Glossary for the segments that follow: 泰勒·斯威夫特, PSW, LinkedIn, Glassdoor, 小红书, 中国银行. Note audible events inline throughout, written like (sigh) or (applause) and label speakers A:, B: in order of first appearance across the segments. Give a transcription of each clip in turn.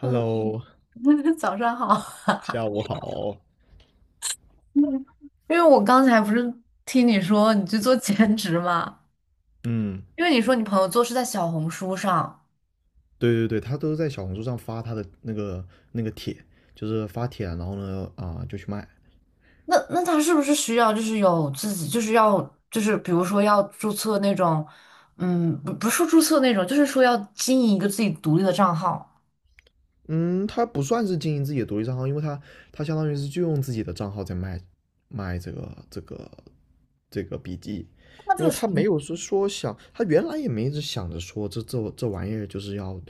A: 嗯，(laughs) 早上好。(laughs)
B: 下午好。
A: 嗯因为我刚才不是听你说你去做兼职嘛？
B: 嗯，
A: 因为你说你朋友做是在小红书上，
B: 对对对，他都在小红书上发他的那个帖，就是发帖，然后呢，就去卖。
A: 那他是不是需要就是有自己就是要就是比如说要注册那种，嗯，不是说注册那种，就是说要经营一个自己独立的账号。
B: 嗯，他不算是经营自己的独立账号，因为他相当于是就用自己的账号在卖这个笔记，
A: 那这
B: 因为
A: 个时
B: 他没有说想，他原来也没一直想着说这玩意儿就是要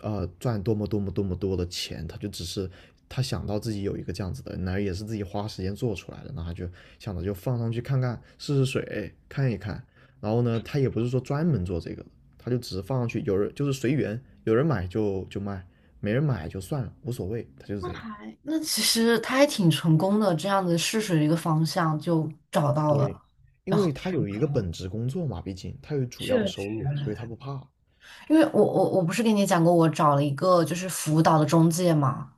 B: 赚多么多么多么多的钱，他就只是他想到自己有一个这样子的，那也是自己花时间做出来的，那他就想着就放上去看看试试水看一看，然后呢，他也不是说专门做这个，他就只是放上去，有人就是随缘，有人买就卖。没人买就算了，无所谓，他就是
A: 候
B: 这样。
A: 还那其实他还挺成功的，这样子试水的一个方向就找到
B: 对，
A: 了，
B: 因
A: 然后
B: 为他
A: 确
B: 有一个本职工作嘛，毕竟他有主要的收
A: 实。
B: 入，所以他不怕。
A: 因为我不是跟你讲过，我找了一个就是辅导的中介嘛，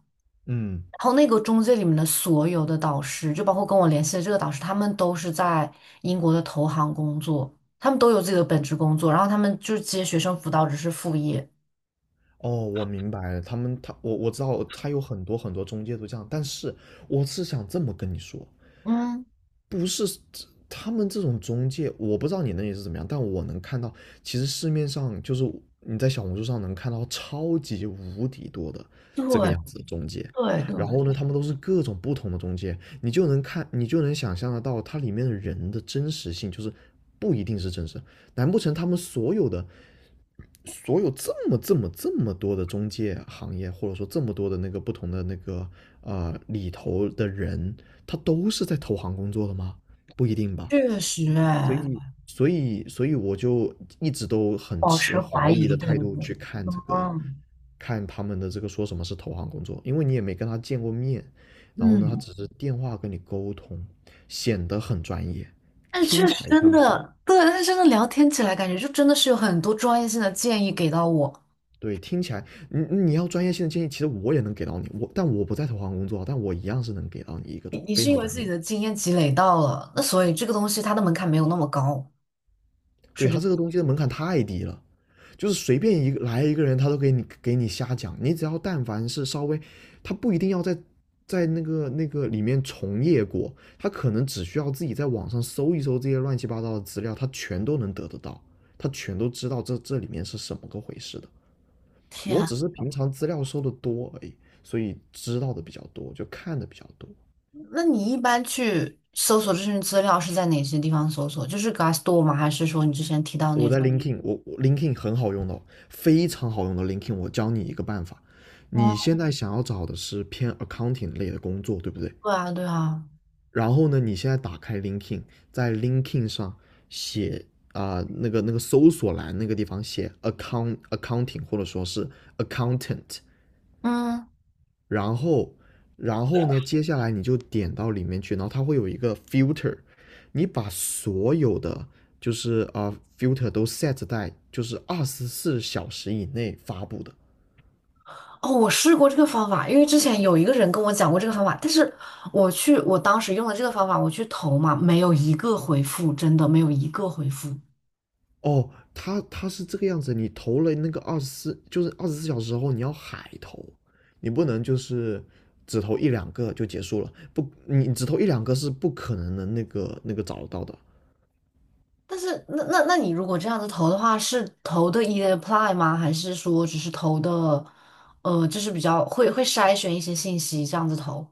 B: 嗯，
A: 然后那个中介里面的所有的导师，就包括跟我联系的这个导师，他们都是在英国的投行工作，他们都有自己的本职工作，然后他们就是接学生辅导只是副业。
B: 哦，我明白了，他们他我知道他有很多很多中介都这样，但是我是想这么跟你说，
A: 嗯，
B: 不是他们这种中介，我不知道你那里是怎么样，但我能看到，其实市面上就是你在小红书上能看到超级无敌多的这个
A: 对
B: 样子的中介，
A: 对对，
B: 然后呢，他们都是各种不同的中介，你就能看，你就能想象得到它里面的人的真实性，就是不一定是真实，难不成他们所有的？所有这么这么这么多的中介行业，或者说这么多的那个不同的里头的人，他都是在投行工作的吗？不一定吧。
A: 确实哎，
B: 所以我就一直都很
A: 保
B: 持
A: 持怀
B: 怀
A: 疑，
B: 疑的
A: 对
B: 态
A: 不
B: 度
A: 对？
B: 去看这个，
A: 嗯
B: 看他们的这个说什么是投行工作，因为你也没跟他见过面，然后呢，他
A: 嗯，
B: 只是电话跟你沟通，显得很专业，
A: 但是
B: 听
A: 确
B: 起
A: 实
B: 来
A: 真
B: 像是。
A: 的，对，但是真的聊天起来，感觉就真的是有很多专业性的建议给到我。
B: 对，听起来你要专业性的建议，其实我也能给到你，但我不在投行工作啊，但我一样是能给到你一个
A: 你你
B: 非
A: 是因
B: 常
A: 为
B: 专
A: 自
B: 业
A: 己
B: 的。
A: 的经验积累到了，那所以这个东西它的门槛没有那么高，
B: 对，
A: 是这
B: 他
A: 个
B: 这个东西的门槛太低了，就是随便一个来一个人，他都给你瞎讲。你只要但凡是稍微，他不一定要在那个里面从业过，他可能只需要自己在网上搜一搜这些乱七八糟的资料，他全都能得到，他全都知道这里面是什么个回事的。我
A: 天，
B: 只是平常资料收的多而已，所以知道的比较多，就看的比较多。
A: 那你一般去搜索这些资料是在哪些地方搜索？就是 Glassdoor 吗？还是说你之前提到
B: 我
A: 那种？
B: 在 Linkin，我 Linkin 很好用的哦非常好用的 Linkin。我教你一个办法，你
A: 哦，
B: 现在想要找的是偏 accounting 类的工作，对不对？
A: 对啊，对啊，
B: 然后呢，你现在打开 Linkin，e d 在 Linkin e d 上写那个搜索栏那个地方写 accounting 或者说是 accountant，
A: 嗯，
B: 然后，然后呢，接下来你就点到里面去，然后它会有一个 filter，你把所有的就是filter 都 set 在就是24小时以内发布的。
A: 哦，我试过这个方法，因为之前有一个人跟我讲过这个方法，但是我去，我当时用了这个方法，我去投嘛，没有一个回复，真的没有一个回复。
B: 哦，它是这个样子，你投了那个二十四，就是二十四小时后你要海投，你不能就是只投一两个就结束了，不，你只投一两个是不可能的那个找得到的。
A: 但是那你如果这样子投的话，是投的 e apply 吗？还是说只是投的，就是比较会筛选一些信息这样子投？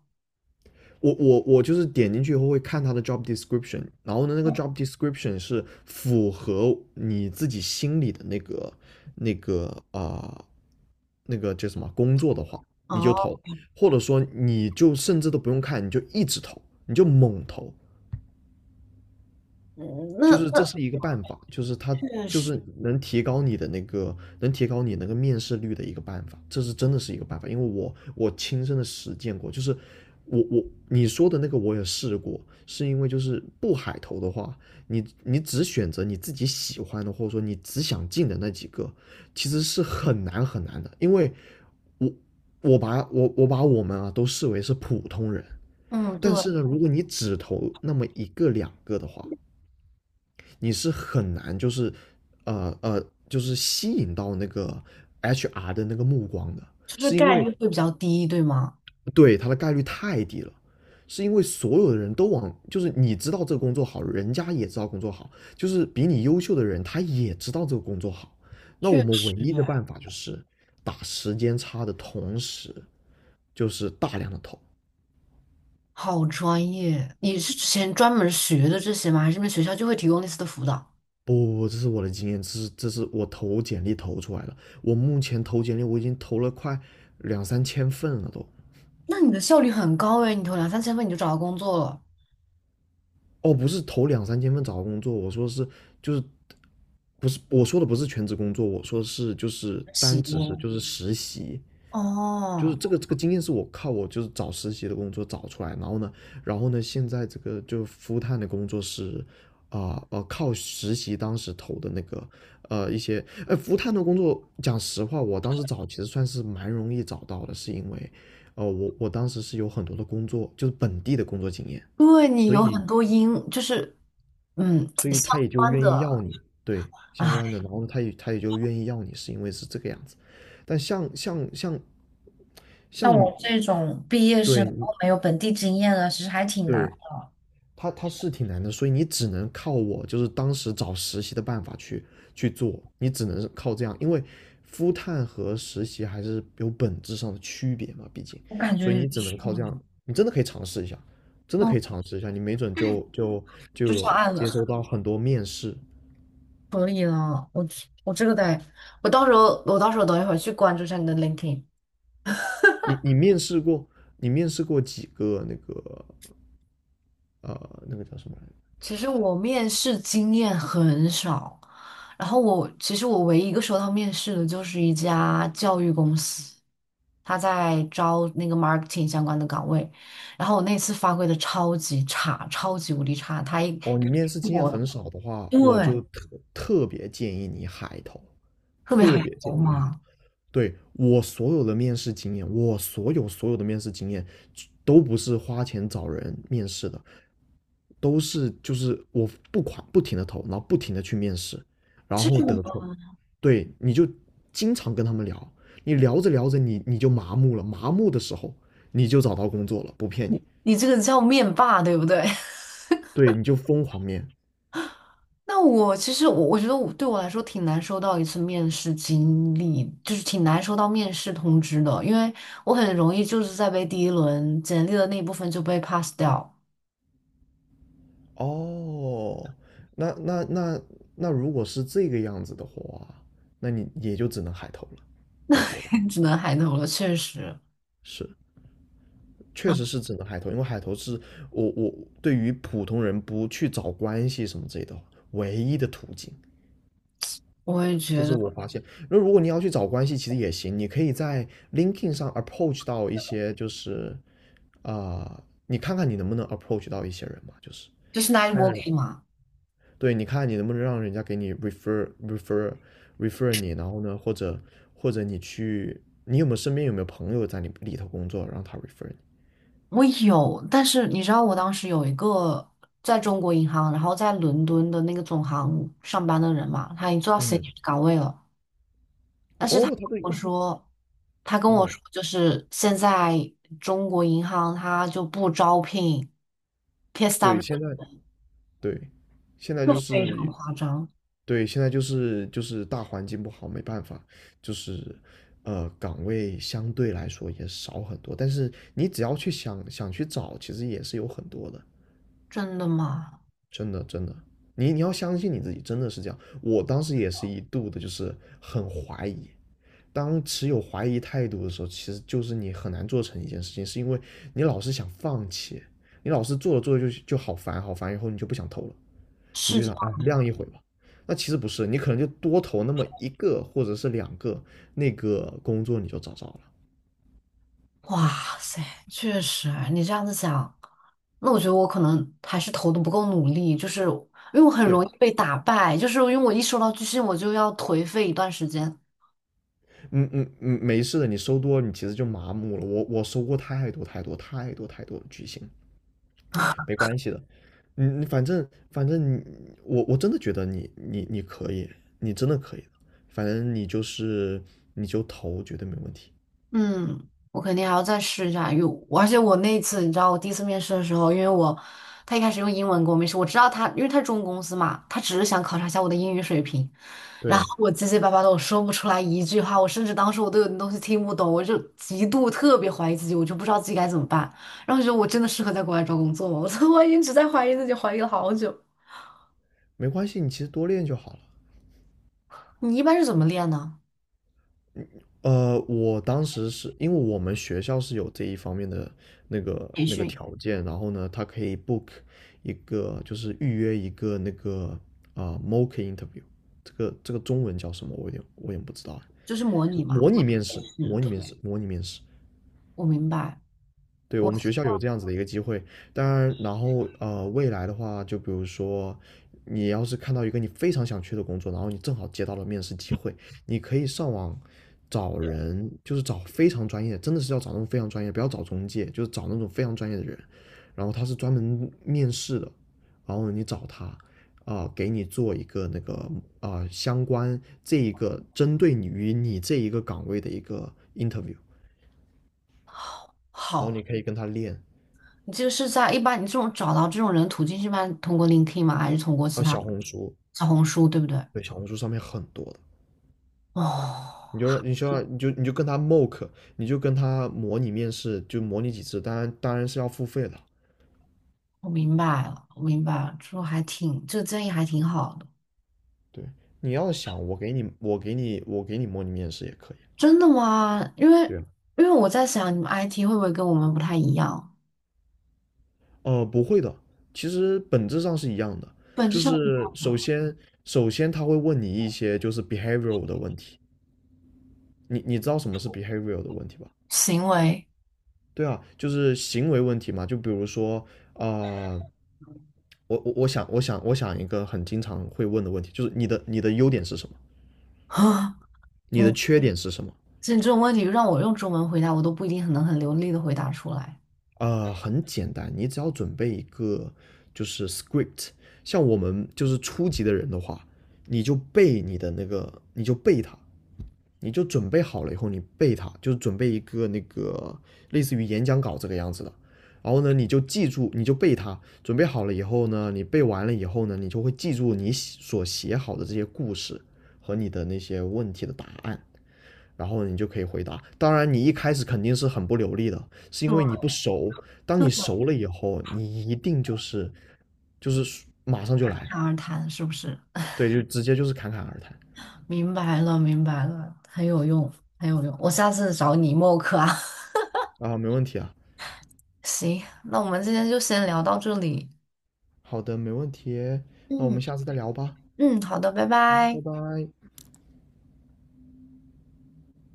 B: 我就是点进去以后会看他的 job description，然后呢，那个 job description 是符合你自己心里的那个啊、呃那个叫什么工作的话，你就
A: 哦，
B: 投，或者说你就甚至都不用看，你就一直投，你就猛投，
A: 嗯
B: 就是
A: 那
B: 这是一个办法，就是它
A: 确
B: 就
A: 实，
B: 是能提高你的那个，能提高你那个面试率的一个办法，这是真的是一个办法，因为我亲身的实践过，就是我你说的那个我也试过，是因为就是不海投的话，你只选择你自己喜欢的，或者说你只想进的那几个，其实是很难很难的，因为我我我把我们啊都视为是普通人。
A: 嗯，对，
B: 但是呢，如果你只投那么一个两个的话，你是很难就是就是吸引到那个 HR 的那个目光的，
A: 就是
B: 是因
A: 概
B: 为
A: 率会比较低，对吗？
B: 对他的概率太低了。是因为所有的人都往，就是你知道这个工作好，人家也知道工作好，就是比你优秀的人他也知道这个工作好。那我
A: 确
B: 们
A: 实
B: 唯一的
A: 哎，
B: 办法就是打时间差的同时，就是大量的投。
A: 好专业！你是之前专门学的这些吗？还是你们学校就会提供类似的辅导？
B: 不不不，这是我的经验，这是我投简历投出来的。我目前投简历，我已经投了快两三千份了都。
A: 那你的效率很高哎，你投两三千分你就找到工作了，
B: 哦，不是投两三千份找到工作，我说是就是不是我说的不是全职工作，我说是就是单只是
A: 行
B: 实习，就
A: 哦，
B: 是这个经验是我靠我就是找实习的工作找出来，然后呢，现在这个就 f u l 的工作是。靠实习当时投的那个，一些，服务探的工作，讲实话，我当时找其实算是蛮容易找到的，是因为，我当时是有很多的工作，就是本地的工作经验，
A: 对你
B: 所
A: 有
B: 以
A: 很多因，就是嗯
B: 所以
A: 相
B: 他也就
A: 关
B: 愿意要
A: 的。
B: 你，对，相关的，
A: 唉，
B: 然后他也就愿意要你，是因为是这个样子。但像，
A: 像我
B: 你，
A: 这种毕业生，
B: 对
A: 然
B: 你
A: 后没有本地经验的，其实还挺难。
B: 对，他是挺难的，所以你只能靠我，就是当时找实习的办法去做，你只能是靠这样，因为 f 探和实习还是有本质上的区别嘛，毕竟，
A: 我感觉
B: 所以
A: 也
B: 你只
A: 是
B: 能靠这样，你真的可以尝试一下，真的
A: 嗯，
B: 可以尝试一下，你没准就
A: 就上
B: 有
A: 岸了，
B: 接收到很多面试，
A: (laughs) 可以了。我这个得，我到时候等一会儿去关注一下你的 LinkedIn。
B: 面试过你面试过几个那个叫什么来着？
A: 其实我面试经验很少，然后我其实我唯一一个收到面试的就是一家教育公司，他在招那个 marketing 相关的岗位，然后我那次发挥的超级差，超级无敌差，他一
B: 哦，你面试经验
A: 我
B: 很少的话，
A: 对。
B: 我就特别建议你海投，
A: 特别
B: 特
A: 还
B: 别建
A: 好
B: 议你海
A: 嘛，
B: 对，我所有的面试经验，我所有的面试经验，都不是花钱找人面试的，都是就是我不停的投，然后不停的去面试，然
A: 这
B: 后
A: 种，
B: 得出来，
A: 吗
B: 对，你就经常跟他们聊，你聊着聊着你就麻木了，麻木的时候你就找到工作了，不骗你，
A: 你这个叫面霸，对不对？(laughs)
B: 对，你就疯狂面。
A: 那我其实我觉得我对我来说挺难收到一次面试经历，就是挺难收到面试通知的，因为我很容易就是在被第一轮简历的那一部分就被 pass 掉，
B: 哦，那那那那如果是这个样子的话，那你也就只能海投了，没别的，
A: (laughs) 只能海投了。确实，
B: 是。确实是只能海投，因为海投是我对于普通人不去找关系什么之类的唯一的途径，
A: 我也
B: 这
A: 觉
B: 是
A: 得
B: 我发现。那如果你要去找关系，其实也行，你可以在 LinkedIn 上 approach 到一些，就是啊、你看看你能不能 approach 到一些人嘛，就是
A: 这是 n i t
B: 看看人。
A: working 吗？
B: 对，你看你能不能让人家给你 refer 你，然后呢，或者你去，你有没有身边有没有朋友在你里头工作，让他 refer 你？
A: 我有，但是你知道我当时有一个在中国银行，然后在伦敦的那个总行上班的人嘛，他已经做到 senior
B: 嗯。
A: 岗位了。但是他
B: 哦，
A: 跟
B: 他对。
A: 我说，他跟我
B: 哦，
A: 说，就是现在中国银行他就不招聘
B: 对，
A: PSW，
B: 现在。对，现在
A: 就
B: 就
A: 非常
B: 是。
A: 夸张。
B: 对，现在就是大环境不好，没办法，就是岗位相对来说也少很多，但是你只要去想想去找，其实也是有很多的。
A: 真的吗？
B: 真的真的，你你要相信你自己，真的是这样。我当时也是一度的就是很怀疑，当持有怀疑态度的时候，其实就是你很难做成一件事情，是因为你老是想放弃，你老是做着做着就好烦好烦，以后你就不想投了。你
A: 是
B: 就
A: 这
B: 想，哎，晾一会吧。那其实不是，你可能就多投那么一个或者是两个，那个工作你就找着了。
A: 样哇塞，确实啊，你这样子想，那我觉得我可能还是投的不够努力，就是因为我很
B: 对，
A: 容易被打败，就是因为我一收到拒信，我就要颓废一段时间。
B: 嗯嗯嗯，没事的，你收多了你其实就麻木了。我我收过太多太多太多太多的巨星，没关系的。嗯，你反正你我真的觉得你可以，你真的可以的。反正你就是你就投，绝对没问题。
A: 嗯，我肯定还要再试一下，而且我那一次，你知道，我第一次面试的时候，因为我他一开始用英文跟我面试，我知道他，因为他是中公司嘛，他只是想考察一下我的英语水平，然后
B: 对，
A: 我结结巴巴的，我说不出来一句话，我甚至当时我都有点东西听不懂，我就极度特别怀疑自己，我就不知道自己该怎么办，然后我觉得我真的适合在国外找工作吗？我 (laughs) 说我一直在怀疑自己，怀疑了好久。
B: 没关系，你其实多练就好了。
A: 你一般是怎么练呢？
B: 我当时是因为我们学校是有这一方面的那个条件，然后呢，他可以 book 一个，就是预约一个那个mock interview，这个这个中文叫什么？我有点我也不知道哎。
A: 就是模
B: 就
A: 拟嘛。
B: 模拟
A: (laughs)
B: 面试，
A: 是
B: 模拟
A: 的，
B: 面试，模拟面试。
A: 我明白，
B: 对，
A: 我
B: 我们学校有这样子的一个机会，当然。然后未来的话，就比如说，你要是看到一个你非常想去的工作，然后你正好接到了面试机会，你可以上网找人，就是找非常专业，真的是要找那种非常专业，不要找中介，就是找那种非常专业的人，然后他是专门面试的，然后你找他，给你做一个那个相关这一个针对你于你这一个岗位的一个 interview，然后
A: 好。
B: 你可以跟他练。啊，
A: 你这个是在一般你这种找到这种人途径是一般通过 LinkedIn 吗？还是通过其他
B: 小红书。
A: 小红书，对不对？
B: 对，小红书上面很多的，
A: 哦，
B: 你就让你就要你就跟他 mock，你就跟他模拟面试，就模拟几次，当然当然是要付费的。
A: 我明白了，我明白了，这还挺，这个建议还挺好的。
B: 对，你要想，我给你模拟面试也可以。
A: 真的吗？因为
B: 对啊。
A: 因为我在想，你们 IT 会不会跟我们不太一样？
B: 不会的，其实本质上是一样的，
A: 本质
B: 就
A: 上不一
B: 是
A: 样
B: 首
A: 的
B: 先首先他会问你一些就是 behavioral 的问题，你你知道什么是 behavioral 的问题吧？
A: 行为
B: 对啊，就是行为问题嘛，就比如说啊、呃我想一个很经常会问的问题，就是你的优点是什么？
A: 啊，(laughs)
B: 你的
A: 你
B: 缺点是什么？
A: 这种问题让我用中文回答，我都不一定很能很流利的回答出来。
B: 呃，很简单，你只要准备一个就是 script，像我们就是初级的人的话，你就背你的那个，你就背它，你就准备好了以后，你背它，就是准备一个那个类似于演讲稿这个样子的。然后呢，你就记住，你就背它。准备好了以后呢，你背完了以后呢，你就会记住你所写好的这些故事和你的那些问题的答案，然后你就可以回答。当然，你一开始肯定是很不流利的，是因
A: 对，
B: 为你不熟。当你熟了以后，你一定就是马上就来。
A: 侃而谈是不是？
B: 对，就直接就是侃侃而谈。
A: 明白了，明白了，很有用，很有用。我下次找你默克啊。
B: 啊，没问题啊。
A: 行，那我们今天就先聊到这里。
B: 好的，没问题。那我
A: 嗯
B: 们下次再聊吧，
A: 嗯，好的，拜
B: 拜
A: 拜。
B: 拜。